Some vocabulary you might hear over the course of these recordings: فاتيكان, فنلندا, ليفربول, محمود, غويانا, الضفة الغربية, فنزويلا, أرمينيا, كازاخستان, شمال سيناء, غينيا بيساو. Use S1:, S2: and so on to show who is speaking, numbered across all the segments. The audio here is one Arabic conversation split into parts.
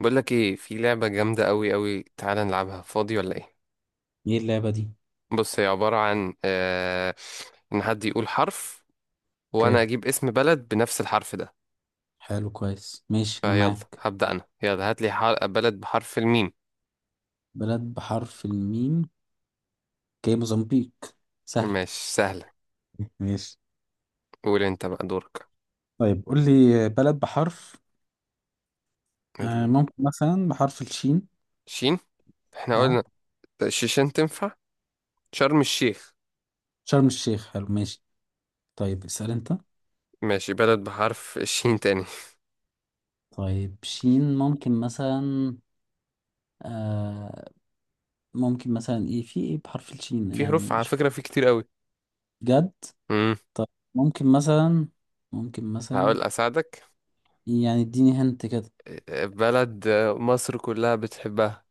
S1: بقول لك ايه، في لعبة جامدة قوي قوي، تعالى نلعبها فاضي ولا ايه؟
S2: ايه اللعبة دي؟
S1: بص، هي عبارة عن ان حد يقول حرف. وانا
S2: اوكي.
S1: اجيب اسم بلد بنفس الحرف ده.
S2: حلو، كويس، ماشي، انا
S1: فيلا.
S2: معاك.
S1: هبدأ انا، يلا هات لي بلد بحرف الميم.
S2: بلد بحرف الميم. اوكي، موزمبيق. سهل.
S1: ماشي، سهلة.
S2: ماشي.
S1: قول انت بقى، دورك.
S2: طيب، قول لي بلد بحرف، ممكن مثلا بحرف الشين.
S1: الشين. احنا
S2: اه.
S1: قلنا. الشيشان تنفع. شرم الشيخ.
S2: شرم الشيخ، حلو، ماشي. طيب، اسأل انت.
S1: ماشي، بلد بحرف الشين تاني.
S2: طيب، شين ممكن مثلا، آه ممكن مثلا، ايه، في ايه بحرف الشين
S1: في حروف
S2: يعني،
S1: على
S2: مش
S1: فكرة، في كتير قوي.
S2: جد؟
S1: امم
S2: ممكن مثلا ممكن مثلا.
S1: هقول اساعدك.
S2: يعني اديني، هنت كده.
S1: بلد مصر كلها بتحبها.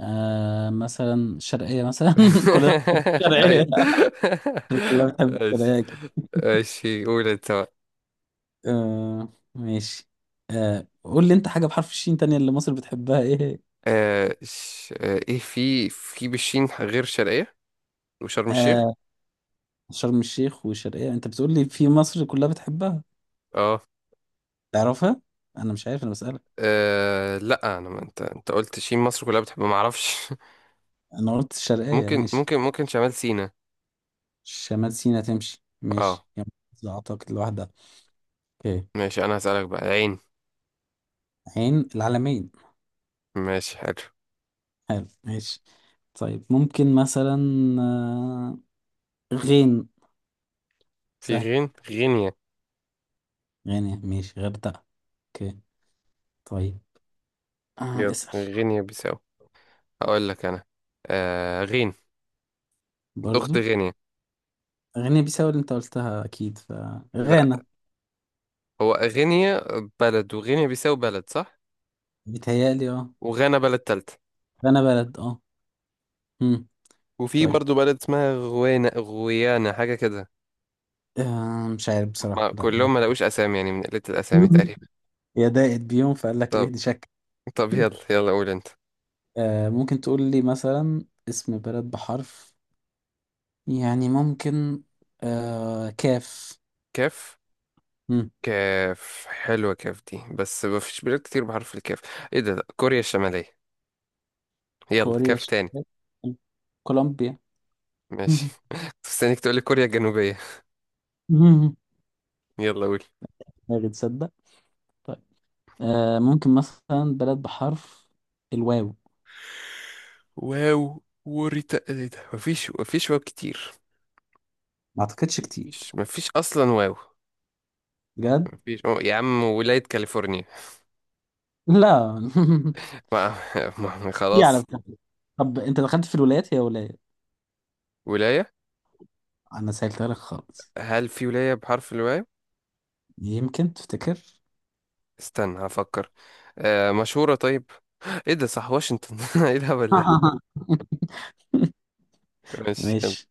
S2: مثلا شرقية مثلا. كلنا بنحب الشرقية.
S1: ايوه.
S2: كلنا بنحب
S1: ماشي.
S2: الشرقية أكيد.
S1: ماشي، قول انت بقى.
S2: ماشي. قول لي أنت حاجة بحرف الشين تانية، اللي مصر بتحبها، إيه؟
S1: آه ش... آه ايه في بشين غير شرقية. وشرم الشيخ.
S2: آه شرم الشيخ والشرقية، أنت بتقول لي في مصر كلها بتحبها؟
S1: اه.
S2: تعرفها؟ أنا مش عارف، أنا بسألك.
S1: لا انا ما انت قلت شين مصر كلها بتحب ما اعرفش.
S2: أنا قلت الشرقية،
S1: ممكن
S2: ماشي.
S1: ممكن ممكن شمال سيناء.
S2: شمال سيناء تمشي،
S1: اه.
S2: ماشي يعني. أعتقد لوحدها. أوكي.
S1: ماشي، انا هسألك بقى، العين.
S2: عين العلمين.
S1: ماشي، حلو.
S2: حلو، ماشي. طيب، ممكن مثلا، آه غين.
S1: في
S2: سهل.
S1: غين، غينيا.
S2: غين، ماشي، غردقة. اوكي. طيب.
S1: يلا،
S2: اسأل.
S1: غينيا بيساو. هقول لك انا. غين. اخت
S2: برضو.
S1: غينيا.
S2: غينيا بيساو اللي انت قلتها، اكيد
S1: لا.
S2: غانا.
S1: هو غينيا. بلد، وغينيا بيساو بلد، صح.
S2: بيتهيألي اه.
S1: وغانا بلد تالتة.
S2: غانا بلد، اه. امم.
S1: وفي
S2: طيب.
S1: برضو بلد اسمها غوانا، غويانا، حاجة كده.
S2: مش عارف بصراحة،
S1: ما
S2: لا ما اعرف.
S1: كلهم ما لقوش أسامي يعني، من قلة الأسامي تقريبا.
S2: يا ضاقت بيهم فقال لك ايه
S1: طب
S2: دي شك.
S1: طب يلا يلا، قول أنت.
S2: ممكن تقول لي مثلا اسم بلد بحرف، يعني ممكن، كاف.
S1: كاف.
S2: مم.
S1: كاف حلوة، كاف دي بس ما فيش بلاد كتير بحرف الكاف. ايه ده، لا، كوريا الشمالية. يلا
S2: كوريا
S1: كاف تاني.
S2: الشمالية. كولومبيا.
S1: ماشي. كنت مستنيك تقولي كوريا الجنوبية. يلا قول.
S2: ما تصدق. طيب، ممكن مثلا بلد بحرف الواو.
S1: واو وريتا، ايه ده، مفيش واو كتير.
S2: ما اعتقدش كتير.
S1: مفيش اصلا واو.
S2: بجد؟
S1: مفيش يا عم، ولاية كاليفورنيا.
S2: لا.
S1: ما.
S2: في
S1: خلاص.
S2: على فكرة. طب انت دخلت في الولايات، هي ولاية.
S1: ولاية.
S2: انا سهلتها لك خالص.
S1: هل في ولاية بحرف الواي؟
S2: يمكن تفتكر.
S1: استنى، هفكر. مشهورة طيب. ايه ده، صح، واشنطن. ايه الهبل ده؟ ماشي يلا.
S2: ماشي.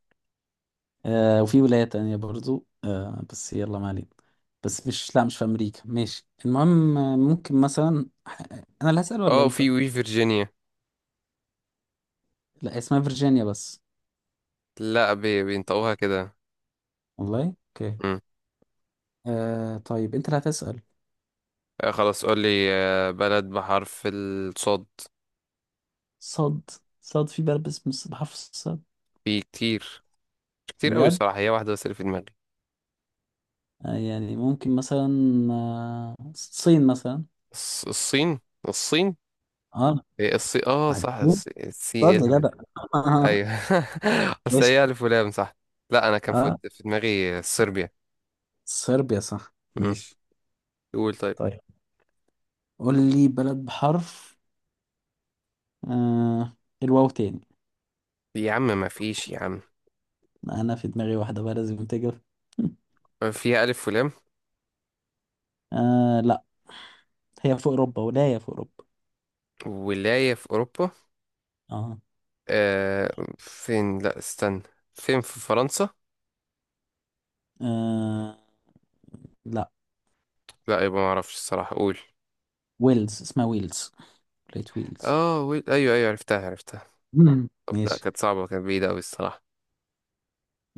S2: وفي ولاية تانية برضو، بس يلا ما علينا. بس مش، لا مش في امريكا، ماشي، المهم، ممكن مثلا انا اللي هسأل ولا
S1: اه،
S2: انت؟
S1: في وي فيرجينيا.
S2: لا، اسمها فيرجينيا بس.
S1: لا، بي بينطقوها كده.
S2: والله؟ اوكي.
S1: مم.
S2: طيب انت اللي هتسأل.
S1: خلاص قول لي بلد بحرف الصاد.
S2: صاد. صاد، في بلد اسمه بحرف الصاد؟
S1: في كتير. كتير قوي
S2: بجد؟
S1: صراحة، هي واحدة بس اللي في دماغي.
S2: يعني ممكن مثلا، الصين مثلا.
S1: الصين. الصين.
S2: اه.
S1: إيه، الصين، اه صح،
S2: عايزين
S1: الصين،
S2: صاد
S1: ايه
S2: يا
S1: الهبل ده؟
S2: جدع.
S1: ايوه. اصل
S2: ماشي.
S1: هي الف ولام، صح. لا، انا كان في
S2: اه.
S1: في دماغي صربيا.
S2: صربيا، صح،
S1: مم.
S2: ماشي.
S1: قول طيب.
S2: طيب، قول لي بلد بحرف، آه الواو تاني.
S1: يا عم ما فيش، يا عم.
S2: انا في دماغي واحدة بقى لازم تجيب.
S1: فيها ألف ولام.
S2: لا، هي في اوروبا، ولاية في اوروبا.
S1: ولاية في أوروبا.
S2: اه،
S1: فين، لا استنى. فين، في فرنسا؟
S2: آه لا،
S1: لا، يبقى ما أعرفش الصراحة، قول.
S2: ويلز، اسمها ويلز، ولاية ويلز.
S1: اه، أيوه أيوه، عرفتها عرفتها.
S2: مم.
S1: طب لا،
S2: ماشي.
S1: كانت صعبة، كانت بعيدة أوي الصراحة.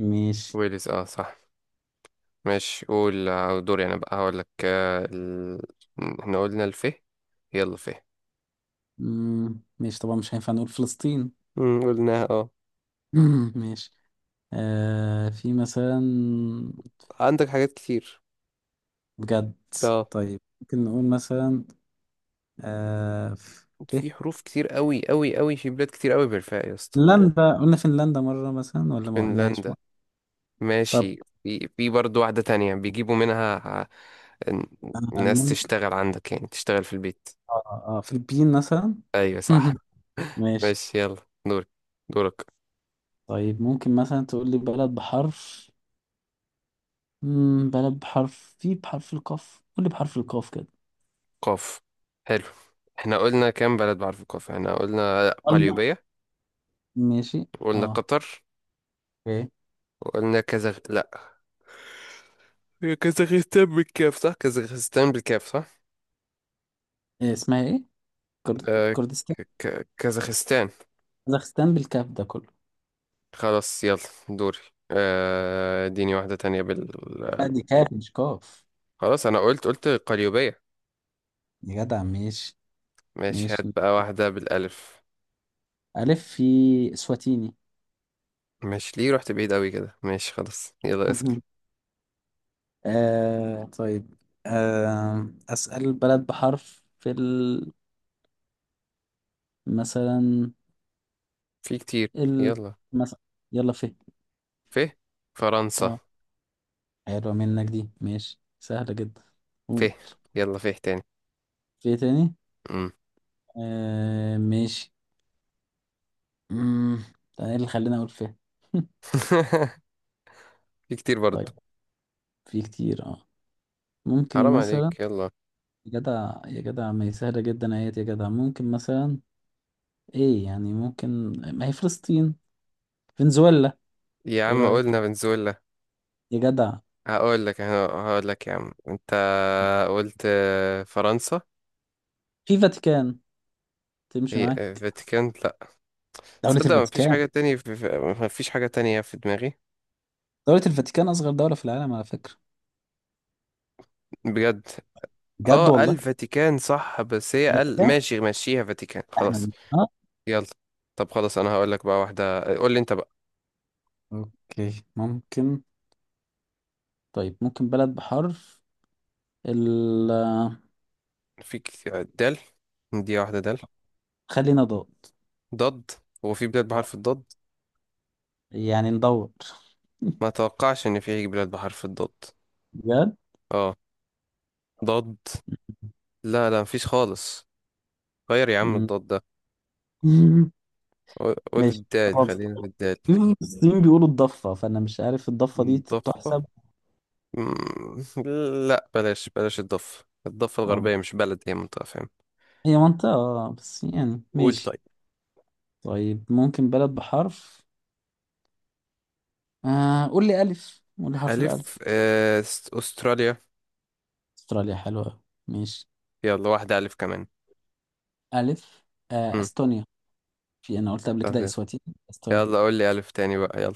S2: ماشي.
S1: ويلز، اه صح. ماشي قول، دوري أنا بقى، هقول لك احنا قلنا الفه. يلا فه.
S2: مم. ماشي، طبعا مش هينفع نقول فلسطين.
S1: قلناها، اه.
S2: مم. ماشي. في مثلا،
S1: عندك حاجات كتير.
S2: بجد،
S1: اه.
S2: طيب ممكن نقول مثلا، في
S1: في حروف كتير أوي أوي أوي، في بلاد كتير أوي بالفاء يا اسطى.
S2: فنلندا. قلنا فنلندا مرة مثلا ولا ما قلناش
S1: فنلندا.
S2: مرة؟ طب،
S1: ماشي، في برضه واحدة تانية بيجيبوا منها.
S2: آه
S1: الناس
S2: ممكن،
S1: تشتغل عندك، يعني تشتغل في البيت.
S2: اه اه، فلبين مثلا.
S1: ايوه صح.
S2: ماشي.
S1: ماشي، يلا دورك. دورك.
S2: طيب، ممكن مثلا تقول لي بلد بحرف، بلد بحرف، في بحرف القاف، قول لي بحرف القاف كده.
S1: قاف. حلو. احنا قلنا كام بلد بعرف القاف، احنا قلنا
S2: ألم-
S1: قليوبية.
S2: ماشي.
S1: وقلنا
S2: اه.
S1: قطر.
S2: اوكي.
S1: وقلنا كازاخ، لا. هي كازاخستان بالكاف صح، كازاخستان بالكاف صح؟
S2: إيه اسمها، ايه؟
S1: آه
S2: كردستان.
S1: كازاخستان.
S2: كازاخستان بالكاف ده كله.
S1: خلاص يلا. دوري. اديني واحدة تانية
S2: لا دي كاف مش قاف.
S1: خلاص، انا قلت قليوبية.
S2: يا جدع ماشي.
S1: ماشي، هات
S2: ماشي.
S1: بقى واحدة بالألف.
S2: ألف، في إسواتيني.
S1: ماشي، ليه رحت بعيد قوي كده، ماشي خلاص، يلا اسأل.
S2: مهم. طيب. أسأل بلد بحرف في مثلا
S1: في كتير.
S2: ال
S1: يلا.
S2: مثلا، يلا في،
S1: فيه. فرنسا.
S2: اه. حلوة منك دي، ماشي، سهلة جدا. قول.
S1: فيه. يلا فيه تاني.
S2: في إيه تاني؟
S1: مم.
S2: ماشي. مم. ده ايه اللي خلاني اقول فيه؟
S1: في كتير برضو.
S2: طيب، في كتير اه. ممكن
S1: حرام
S2: مثلا،
S1: عليك، يلا.
S2: يا جدع يا جدع، ما هي سهلة جدا اهيت يا جدع، ممكن مثلا، ايه يعني ممكن، ما هي فلسطين، فنزويلا.
S1: يا
S2: ايه
S1: عم
S2: رأيك؟
S1: قلنا فنزويلا.
S2: يا جدع.
S1: هقول لك يا عم انت. قلت فرنسا.
S2: في فاتيكان، تمشي
S1: هي
S2: معاك؟
S1: فاتيكان، لا.
S2: دولة
S1: تصدق ما فيش
S2: الفاتيكان.
S1: حاجة تانية ما فيش حاجة تانية في دماغي.
S2: دولة الفاتيكان أصغر دولة في العالم على فكرة.
S1: بجد.
S2: بجد،
S1: اه،
S2: والله.
S1: الفاتيكان صح، بس هي ال
S2: الفاتيكان.
S1: ماشي، مشيها فاتيكان، خلاص.
S2: اه.
S1: يلا. طب خلاص، انا هقول لك بقى واحدة، قول لي انت.
S2: اوكي، ممكن. طيب، ممكن بلد بحرف، ال
S1: في دال. دي واحدة دال.
S2: خلينا ضاد.
S1: ضد. هو في بلاد بحرف الضاد؟
S2: يعني ندور.
S1: ما اتوقعش ان في بلاد بحرف الضاد.
S2: بجد.
S1: اه. ضد. لا لا، مفيش خالص. غير يا عم
S2: مم.
S1: الضاد ده. قول
S2: ماشي،
S1: الدال،
S2: خلاص، في
S1: خلينا في الدال.
S2: المصريين بيقولوا الضفة، فأنا مش عارف الضفة دي
S1: ضفة.
S2: تحسب.
S1: مم. لا، بلاش بلاش الضفة
S2: اه،
S1: الغربية مش بلد، هي منطقة، فاهم؟
S2: هي منطقة، بس يعني
S1: قول
S2: ماشي.
S1: طيب.
S2: طيب، ممكن بلد بحرف، قول لي ألف، قول لي حرف
S1: ألف
S2: الألف.
S1: أستراليا.
S2: استراليا حلوة أوي. ماشي.
S1: يلا واحدة ألف كمان.
S2: ألف،
S1: مم.
S2: أستونيا. في، أنا قلت قبل كده
S1: طب
S2: إسواتيني. أستونيا.
S1: يلا، قول لي ألف تاني بقى، يلا.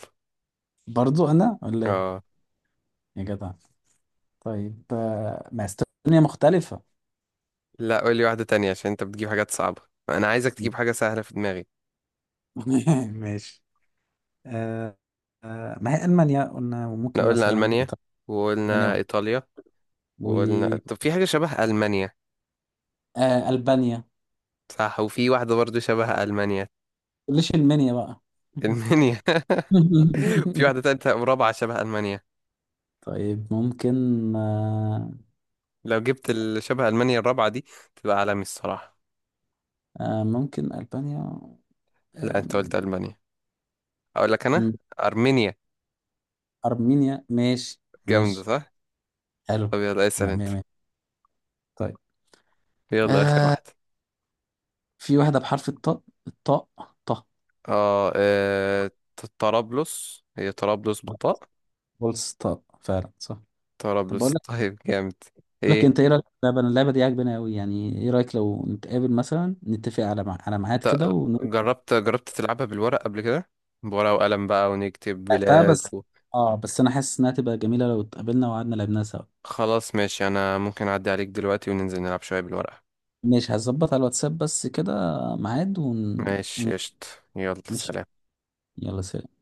S2: برضو أنا ولا إيه؟
S1: اه.
S2: يا جدع. طيب، ما استونيا مختلفة.
S1: لا، قول لي واحدة تانية عشان انت بتجيب حاجات صعبة. انا عايزك تجيب حاجة سهلة في دماغي.
S2: ماشي. آه. ما هي ألمانيا قلنا،
S1: احنا
S2: وممكن
S1: قلنا
S2: مثلا
S1: المانيا.
S2: إيطاليا. ألمانيا
S1: وقلنا ايطاليا. وقلنا،
S2: و-
S1: طب في حاجة شبه المانيا.
S2: ألبانيا، ما
S1: صح، وفي واحدة برضو شبه المانيا.
S2: تقوليش المنيا بقى.
S1: المانيا. وفي واحدة تالتة ورابعة شبه المانيا.
S2: طيب ممكن. آه.
S1: لو جبت شبه المانيا الرابعة دي، تبقى عالمي الصراحة.
S2: ممكن ألبانيا.
S1: لا،
S2: آه.
S1: انت قلت المانيا. اقول لك انا. ارمينيا.
S2: أرمينيا، ماشي.
S1: جامدة،
S2: ماشي.
S1: صح؟
S2: حلو.
S1: طب يلا، اسأل
S2: لا،
S1: انت.
S2: مية مية. طيب،
S1: يلا، اخر
S2: آه
S1: واحدة.
S2: في واحدة بحرف الطاء. الطاء؟ طه
S1: اه، طرابلس، هي طرابلس بالطاء.
S2: بولس، طاء فعلا، صح. طب بقول
S1: طرابلس.
S2: لك
S1: طيب، جامد.
S2: بقول لك انت
S1: ايه؟
S2: ايه رايك في اللعبه؟ أنا اللعبه دي عاجباني قوي، يعني ايه رايك لو نتقابل مثلا، نتفق على على ميعاد كده
S1: انت
S2: ونلعبها.
S1: جربت تلعبها بالورق قبل كده؟ بورقة وقلم بقى، ونكتب بلاد
S2: بس، اه بس انا حاسس انها تبقى جميله لو اتقابلنا وقعدنا لعبناها سوا.
S1: خلاص ماشي، انا ممكن اعدي عليك دلوقتي وننزل نلعب شوية بالورقة.
S2: ماشي، هظبط على الواتساب بس كده، ميعاد
S1: ماشي قشط. يلا
S2: ماشي.
S1: سلام.
S2: يلا سلام.